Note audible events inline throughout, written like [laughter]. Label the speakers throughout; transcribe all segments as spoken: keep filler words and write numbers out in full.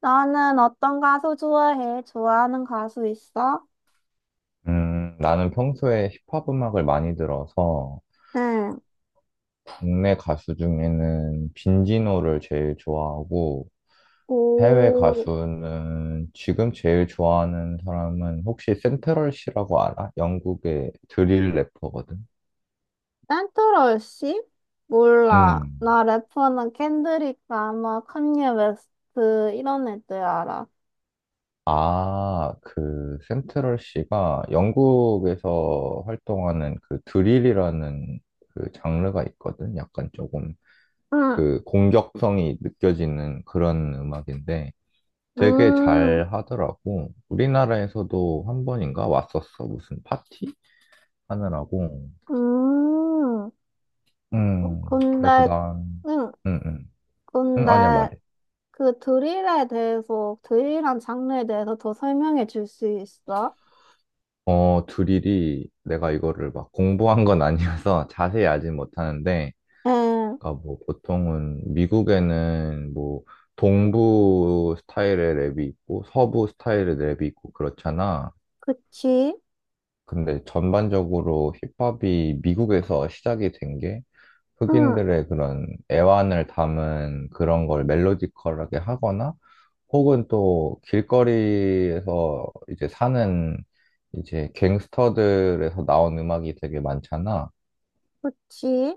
Speaker 1: 너는 어떤 가수 좋아해? 좋아하는 가수 있어?
Speaker 2: 음, 나는 평소에 힙합 음악을 많이 들어서
Speaker 1: 응.
Speaker 2: 국내 가수 중에는 빈지노를 제일 좋아하고 해외
Speaker 1: 오,
Speaker 2: 가수는 지금 제일 좋아하는 사람은 혹시 센트럴 씨라고 알아? 영국의 드릴 래퍼거든.
Speaker 1: 센트럴 씨? 몰라.
Speaker 2: 음.
Speaker 1: 나 래퍼는 켄드릭 라마, 칸예 웨스트 이런 애들 알아.
Speaker 2: 아, 그 센트럴 씨가 영국에서 활동하는 그 드릴이라는 그 장르가 있거든. 약간 조금
Speaker 1: 응.
Speaker 2: 그 공격성이 느껴지는 그런 음악인데 되게
Speaker 1: 음,
Speaker 2: 잘 하더라고. 우리나라에서도 한 번인가 왔었어. 무슨 파티 하느라고.
Speaker 1: 음.
Speaker 2: 음, 그래서
Speaker 1: 근데,
Speaker 2: 난,
Speaker 1: 응.
Speaker 2: 음, 음. 음, 아니야,
Speaker 1: 근데
Speaker 2: 말해.
Speaker 1: 그 드릴에 대해서, 드릴한 장르에 대해서 더 설명해 줄 수 있어?
Speaker 2: 어, 드릴이 내가 이거를 막 공부한 건 아니어서 [laughs] 자세히 알진 못하는데,
Speaker 1: 응.
Speaker 2: 그러니까 뭐 보통은 미국에는 뭐 동부 스타일의 랩이 있고 서부 스타일의 랩이 있고 그렇잖아.
Speaker 1: 그치?
Speaker 2: 근데 전반적으로 힙합이 미국에서 시작이 된게
Speaker 1: 응.
Speaker 2: 흑인들의 그런 애환을 담은 그런 걸 멜로디컬하게 하거나 혹은 또 길거리에서 이제 사는 이제 갱스터들에서 나온 음악이 되게 많잖아.
Speaker 1: 그치?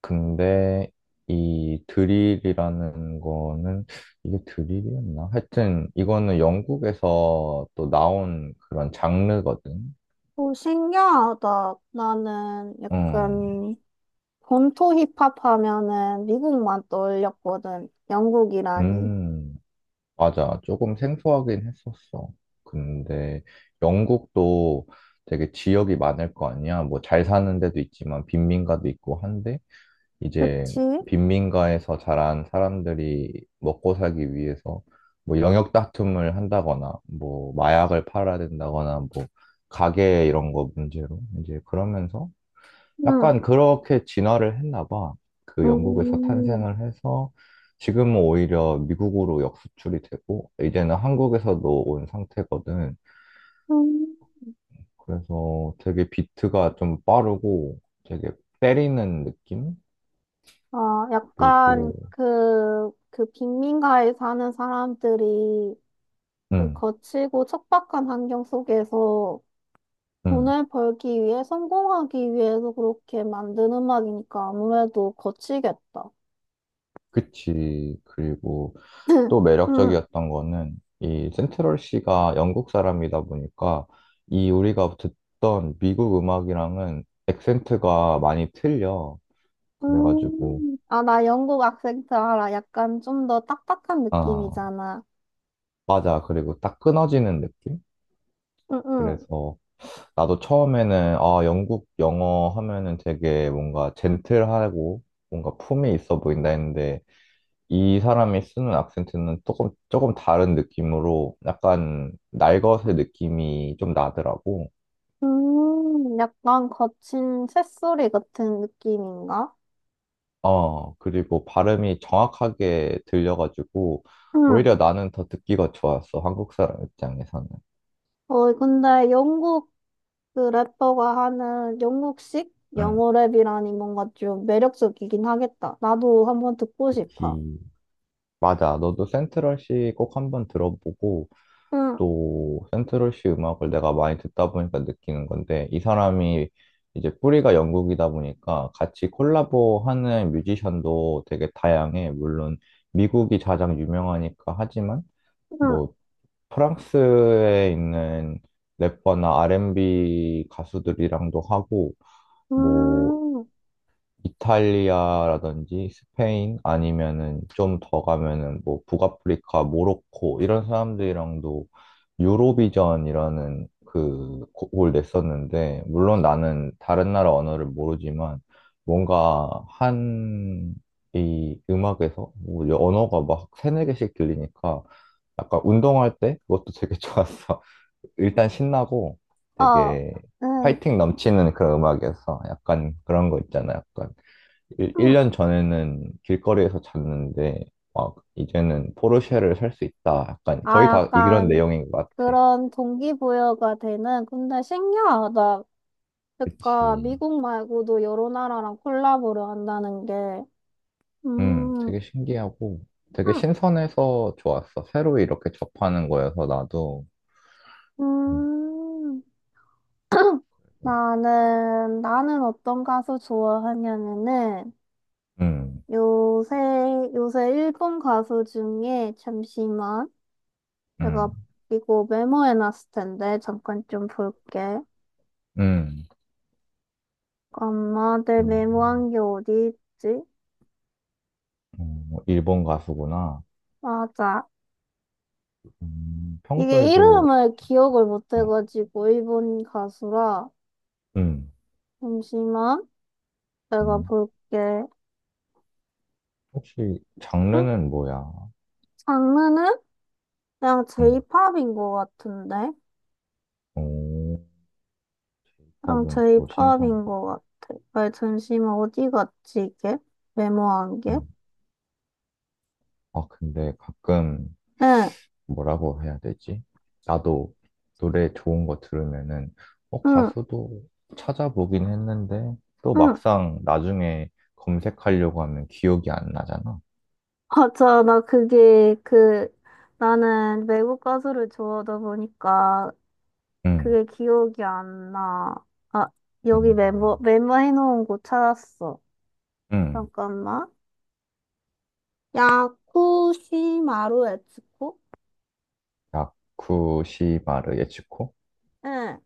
Speaker 2: 근데 이 드릴이라는 거는 이게 드릴이었나? 하여튼 이거는 영국에서 또 나온 그런 장르거든.
Speaker 1: 오, 신기하다. 나는
Speaker 2: 음,
Speaker 1: 약간 본토 힙합 하면은 미국만 떠올렸거든. 영국이라니.
Speaker 2: 음. 맞아. 조금 생소하긴 했었어. 근데 영국도 되게 지역이 많을 거 아니야. 뭐 잘 사는 데도 있지만 빈민가도 있고 한데 이제
Speaker 1: 그치?
Speaker 2: 빈민가에서 자란 사람들이 먹고 살기 위해서 뭐 영역 다툼을 한다거나 뭐 마약을 팔아야 된다거나 뭐 가게 이런 거 문제로 이제 그러면서
Speaker 1: 응.
Speaker 2: 약간 그렇게 진화를 했나 봐. 그 영국에서
Speaker 1: 음.
Speaker 2: 탄생을 해서 지금은 오히려 미국으로 역수출이 되고 이제는 한국에서도 온 상태거든.
Speaker 1: 음.
Speaker 2: 그래서 되게 비트가 좀 빠르고 되게 때리는 느낌?
Speaker 1: 어, 약간
Speaker 2: 그리고
Speaker 1: 그, 그 빈민가에 사는 사람들이 그
Speaker 2: 음,
Speaker 1: 거칠고 척박한 환경 속에서
Speaker 2: 음,
Speaker 1: 돈을 벌기 위해 성공하기 위해서 그렇게 만든 음악이니까 아무래도 거치겠다.
Speaker 2: 그치. 그리고
Speaker 1: [laughs]
Speaker 2: 또
Speaker 1: 응.
Speaker 2: 매력적이었던 거는 이 센트럴 씨가 영국 사람이다 보니까 이 우리가 듣던 미국 음악이랑은 액센트가 많이 틀려. 그래가지고,
Speaker 1: 음, 아, 나 영국 악센트 알아. 약간 좀 더 딱딱한
Speaker 2: 아,
Speaker 1: 느낌이잖아.
Speaker 2: 맞아. 그리고 딱 끊어지는 느낌?
Speaker 1: 응, 응.
Speaker 2: 그래서 나도 처음에는, 아, 영국 영어 하면은 되게 뭔가 젠틀하고 뭔가 품이 있어 보인다 했는데, 이 사람이 쓰는 악센트는 조금, 조금 다른 느낌으로 약간 날것의 느낌이 좀 나더라고.
Speaker 1: 음, 약간 거친 새소리 같은 느낌인가?
Speaker 2: 어, 그리고 발음이 정확하게 들려가지고,
Speaker 1: 응.
Speaker 2: 오히려 나는 더 듣기가 좋았어. 한국 사람 입장에서는.
Speaker 1: 어, 근데 영국 그 래퍼가 하는 영국식
Speaker 2: 응.
Speaker 1: 영어 랩이라니 뭔가 좀 매력적이긴 하겠다. 나도 한번 듣고 싶어.
Speaker 2: 특히 맞아. 너도 센트럴시 꼭 한번 들어보고
Speaker 1: 응,
Speaker 2: 또 센트럴시 음악을 내가 많이 듣다 보니까 느끼는 건데 이 사람이 이제 뿌리가 영국이다 보니까 같이 콜라보하는 뮤지션도 되게 다양해. 물론 미국이 가장 유명하니까 하지만
Speaker 1: 응,
Speaker 2: 뭐 프랑스에 있는 래퍼나 알앤비 가수들이랑도 하고 뭐
Speaker 1: 음,
Speaker 2: 이탈리아라든지 스페인 아니면은 좀 더 가면은 뭐 북아프리카, 모로코 이런 사람들이랑도 유로비전이라는 그 곡을 냈었는데 물론 나는 다른 나라 언어를 모르지만 뭔가 한 이 음악에서 뭐 언어가 막 세네 개씩 들리니까 약간 운동할 때 그것도 되게 [laughs] 좋았어. 일단 신나고
Speaker 1: 어,
Speaker 2: 되게
Speaker 1: 응,
Speaker 2: 파이팅 넘치는 그런 음악이어서 약간 그런 거 있잖아. 약간 일-
Speaker 1: 응.
Speaker 2: 1년 전에는 길거리에서 잤는데 막 이제는 포르쉐를 살 수 있다. 약간
Speaker 1: 아,
Speaker 2: 거의 다 이런
Speaker 1: 약간
Speaker 2: 내용인 것 같아.
Speaker 1: 그런 동기부여가 되는, 근데 신기하다. 그러니까
Speaker 2: 그치.
Speaker 1: 미국 말고도 여러 나라랑 콜라보를 한다는 게,
Speaker 2: 음,
Speaker 1: 음,
Speaker 2: 되게 신기하고 되게
Speaker 1: 음,
Speaker 2: 신선해서 좋았어. 새로 이렇게 접하는 거여서 나도. 음,
Speaker 1: 음, 나는, 나는 어떤 가수 좋아하냐면은,
Speaker 2: 음,
Speaker 1: 요새, 요새 일본 가수 중에, 잠시만, 내가
Speaker 2: 음.
Speaker 1: 이거 메모해놨을 텐데, 잠깐 좀 볼게.
Speaker 2: 음.
Speaker 1: 엄마, 내
Speaker 2: 일본,
Speaker 1: 메모한 게 어디 있지?
Speaker 2: 어, 일본 가수구나.
Speaker 1: 맞아.
Speaker 2: 음,
Speaker 1: 이게
Speaker 2: 평소에도,
Speaker 1: 이름을 기억을 못
Speaker 2: 어,
Speaker 1: 해가지고, 일본 가수라,
Speaker 2: 음,
Speaker 1: 잠시만. 내가
Speaker 2: 음.
Speaker 1: 볼게.
Speaker 2: 혹시
Speaker 1: 응?
Speaker 2: 장르는 뭐야?
Speaker 1: 장르는? 그냥
Speaker 2: 음,
Speaker 1: J-pop인 것 같은데?
Speaker 2: 오, j 팝
Speaker 1: 그냥
Speaker 2: 은 또 신선.
Speaker 1: J-pop인 것 같아. 아, 잠시만, 어디 갔지, 이게? 메모한 게?
Speaker 2: 음. 아, 근데 가끔
Speaker 1: 응,
Speaker 2: 뭐라고 해야 되지? 나도 노래 좋은 거 들으면은, 어,
Speaker 1: 응,
Speaker 2: 가수도 찾아보긴 했는데, 또
Speaker 1: 응.
Speaker 2: 막상 나중에 검색하려고 하면 기억이 안 나잖아.
Speaker 1: [laughs] 맞아, 나 그게, 그, 나는 외국 가수를 좋아하다 보니까
Speaker 2: 응,
Speaker 1: 그게 기억이 안 나. 아, 여기
Speaker 2: 응,
Speaker 1: 메모, 메모해놓은 곳 찾았어.
Speaker 2: 응.
Speaker 1: 잠깐만. 야쿠시마루 에츠코?
Speaker 2: 야쿠시마르 예치코?
Speaker 1: 응.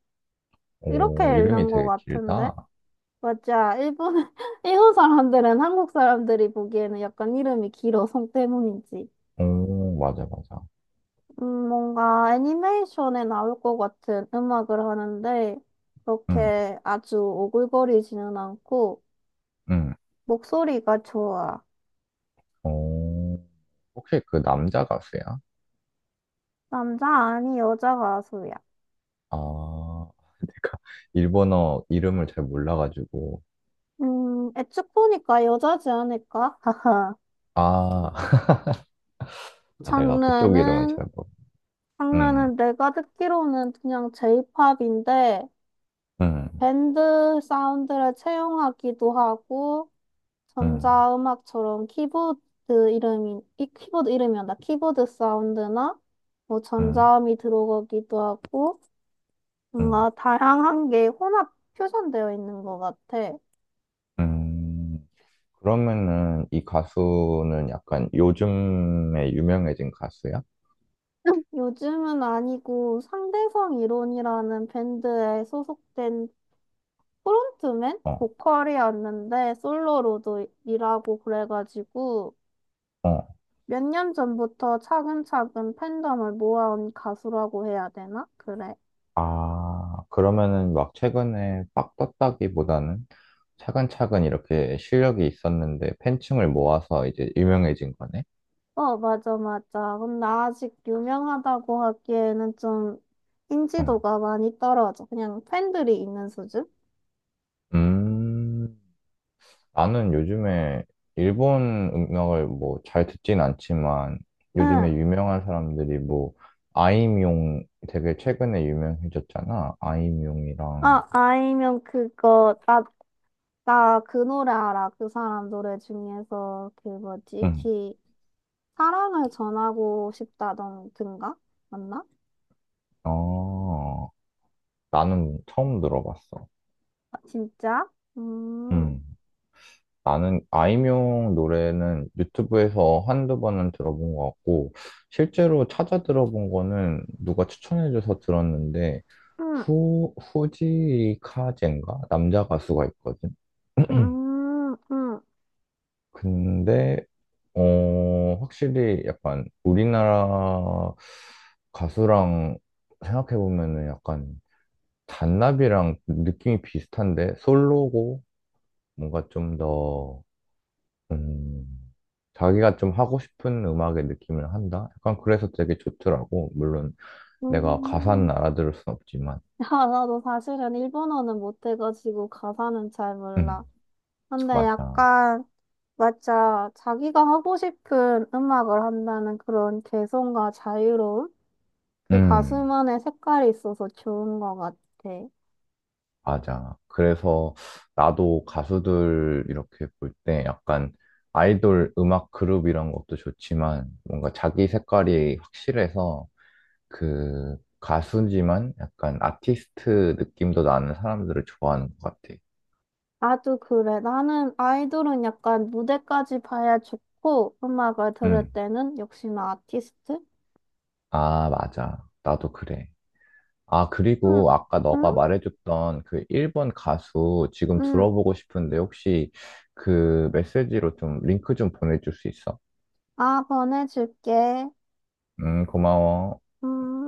Speaker 1: 이렇게
Speaker 2: 오, 이름이
Speaker 1: 읽는 것
Speaker 2: 되게
Speaker 1: 같은데?
Speaker 2: 길다.
Speaker 1: 맞아. 일본, [laughs] 일본 사람들은 한국 사람들이 보기에는 약간 이름이 길어, 성 때문인지.
Speaker 2: 오, 맞아, 맞아.
Speaker 1: 음, 뭔가 애니메이션에 나올 것 같은 음악을 하는데,
Speaker 2: 응,
Speaker 1: 그렇게 아주 오글거리지는 않고,
Speaker 2: 응.
Speaker 1: 목소리가 좋아.
Speaker 2: 오, 혹시 그 남자 가수야?
Speaker 1: 남자 아니 여자 가수야.
Speaker 2: 아, [laughs] 내가 일본어 이름을 잘 몰라가지고,
Speaker 1: 음, 애측 보니까 여자지 않을까? 하하.
Speaker 2: 아, [laughs] 아, 내가 그쪽 이름은
Speaker 1: 장르는,
Speaker 2: 잘 모르. 음,
Speaker 1: 장르는 내가 듣기로는 그냥 J-pop인데,
Speaker 2: 음,
Speaker 1: 밴드 사운드를 채용하기도 하고
Speaker 2: 음,
Speaker 1: 전자음악처럼 키보드 이름이 이 키보드 이름이란다. 키보드 사운드나 뭐
Speaker 2: 음,
Speaker 1: 전자음이 들어가기도 하고
Speaker 2: 음,
Speaker 1: 뭔가 다양한 게 혼합 표현되어 있는 것 같아.
Speaker 2: 음. 그러면은 이 가수는 약간 요즘에 유명해진 가수야?
Speaker 1: 요즘은 아니고 상대성 이론이라는 밴드에 소속된 프론트맨
Speaker 2: 어,
Speaker 1: 보컬이었는데 솔로로도 일하고 그래가지고
Speaker 2: 어.
Speaker 1: 몇 년 전부터 차근차근 팬덤을 모아온 가수라고 해야 되나? 그래.
Speaker 2: 아, 그러면은 막 최근에 빡 떴다기보다는 차근차근 이렇게 실력이 있었는데 팬층을 모아서 이제 유명해진 거네?
Speaker 1: 어, 맞아, 맞아. 근데 아직 유명하다고 하기에는 좀
Speaker 2: 응.
Speaker 1: 인지도가 많이 떨어져. 그냥 팬들이 있는 수준?
Speaker 2: 음, 나는 요즘에 일본 음악을 뭐 잘 듣진 않지만
Speaker 1: 응.
Speaker 2: 요즘에 유명한 사람들이 뭐 아이미용 되게 최근에 유명해졌잖아. 아이미용이랑
Speaker 1: 아, 아니면 그거, 나, 나 그 노래 알아. 그 사람 노래 중에서 그 뭐지?
Speaker 2: 응.
Speaker 1: 기, 사랑을 전하고 싶다던가? 맞나?
Speaker 2: 어. 나는 처음 들어봤어.
Speaker 1: 아, 진짜? 음,
Speaker 2: 음. 나는 아이미용 노래는 유튜브에서 한두 번은 들어본 것 같고 실제로 찾아 들어본 거는 누가 추천해줘서 들었는데
Speaker 1: 음,
Speaker 2: 후 후지카젠가 남자 가수가 있거든. [clears throat]
Speaker 1: 음, 음.
Speaker 2: 근데 어 확실히 약간 우리나라 가수랑 생각해 보면은 약간 잔나비랑 느낌이 비슷한데 솔로고 뭔가 좀 더 음, 자기가 좀 하고 싶은 음악의 느낌을 한다. 약간 그래서 되게 좋더라고. 물론 내가 가사는
Speaker 1: 음.
Speaker 2: 알아들을 순 없지만,
Speaker 1: 아, 나도 사실은 일본어는 못해가지고 가사는 잘 몰라.
Speaker 2: 음
Speaker 1: 근데
Speaker 2: 맞아.
Speaker 1: 약간, 맞아. 자기가 하고 싶은 음악을 한다는 그런 개성과 자유로움? 그
Speaker 2: 음
Speaker 1: 가수만의 색깔이 있어서 좋은 것 같아.
Speaker 2: 맞아. 그래서 나도 가수들 이렇게 볼 때 약간 아이돌 음악 그룹 이런 것도 좋지만 뭔가 자기 색깔이 확실해서 그 가수지만 약간 아티스트 느낌도 나는 사람들을 좋아하는 것 같아.
Speaker 1: 나도 그래. 나는 아이돌은 약간 무대까지 봐야 좋고, 음악을 들을
Speaker 2: 응.
Speaker 1: 때는 역시나 아티스트?
Speaker 2: 아, 맞아. 나도 그래. 아,
Speaker 1: 응,
Speaker 2: 그리고 아까 너가
Speaker 1: 응,
Speaker 2: 말해줬던 그 일본 가수 지금
Speaker 1: 응.
Speaker 2: 들어보고 싶은데 혹시 그 메시지로 좀 링크 좀 보내줄 수 있어?
Speaker 1: 아, 보내줄게.
Speaker 2: 음, 고마워.
Speaker 1: 음.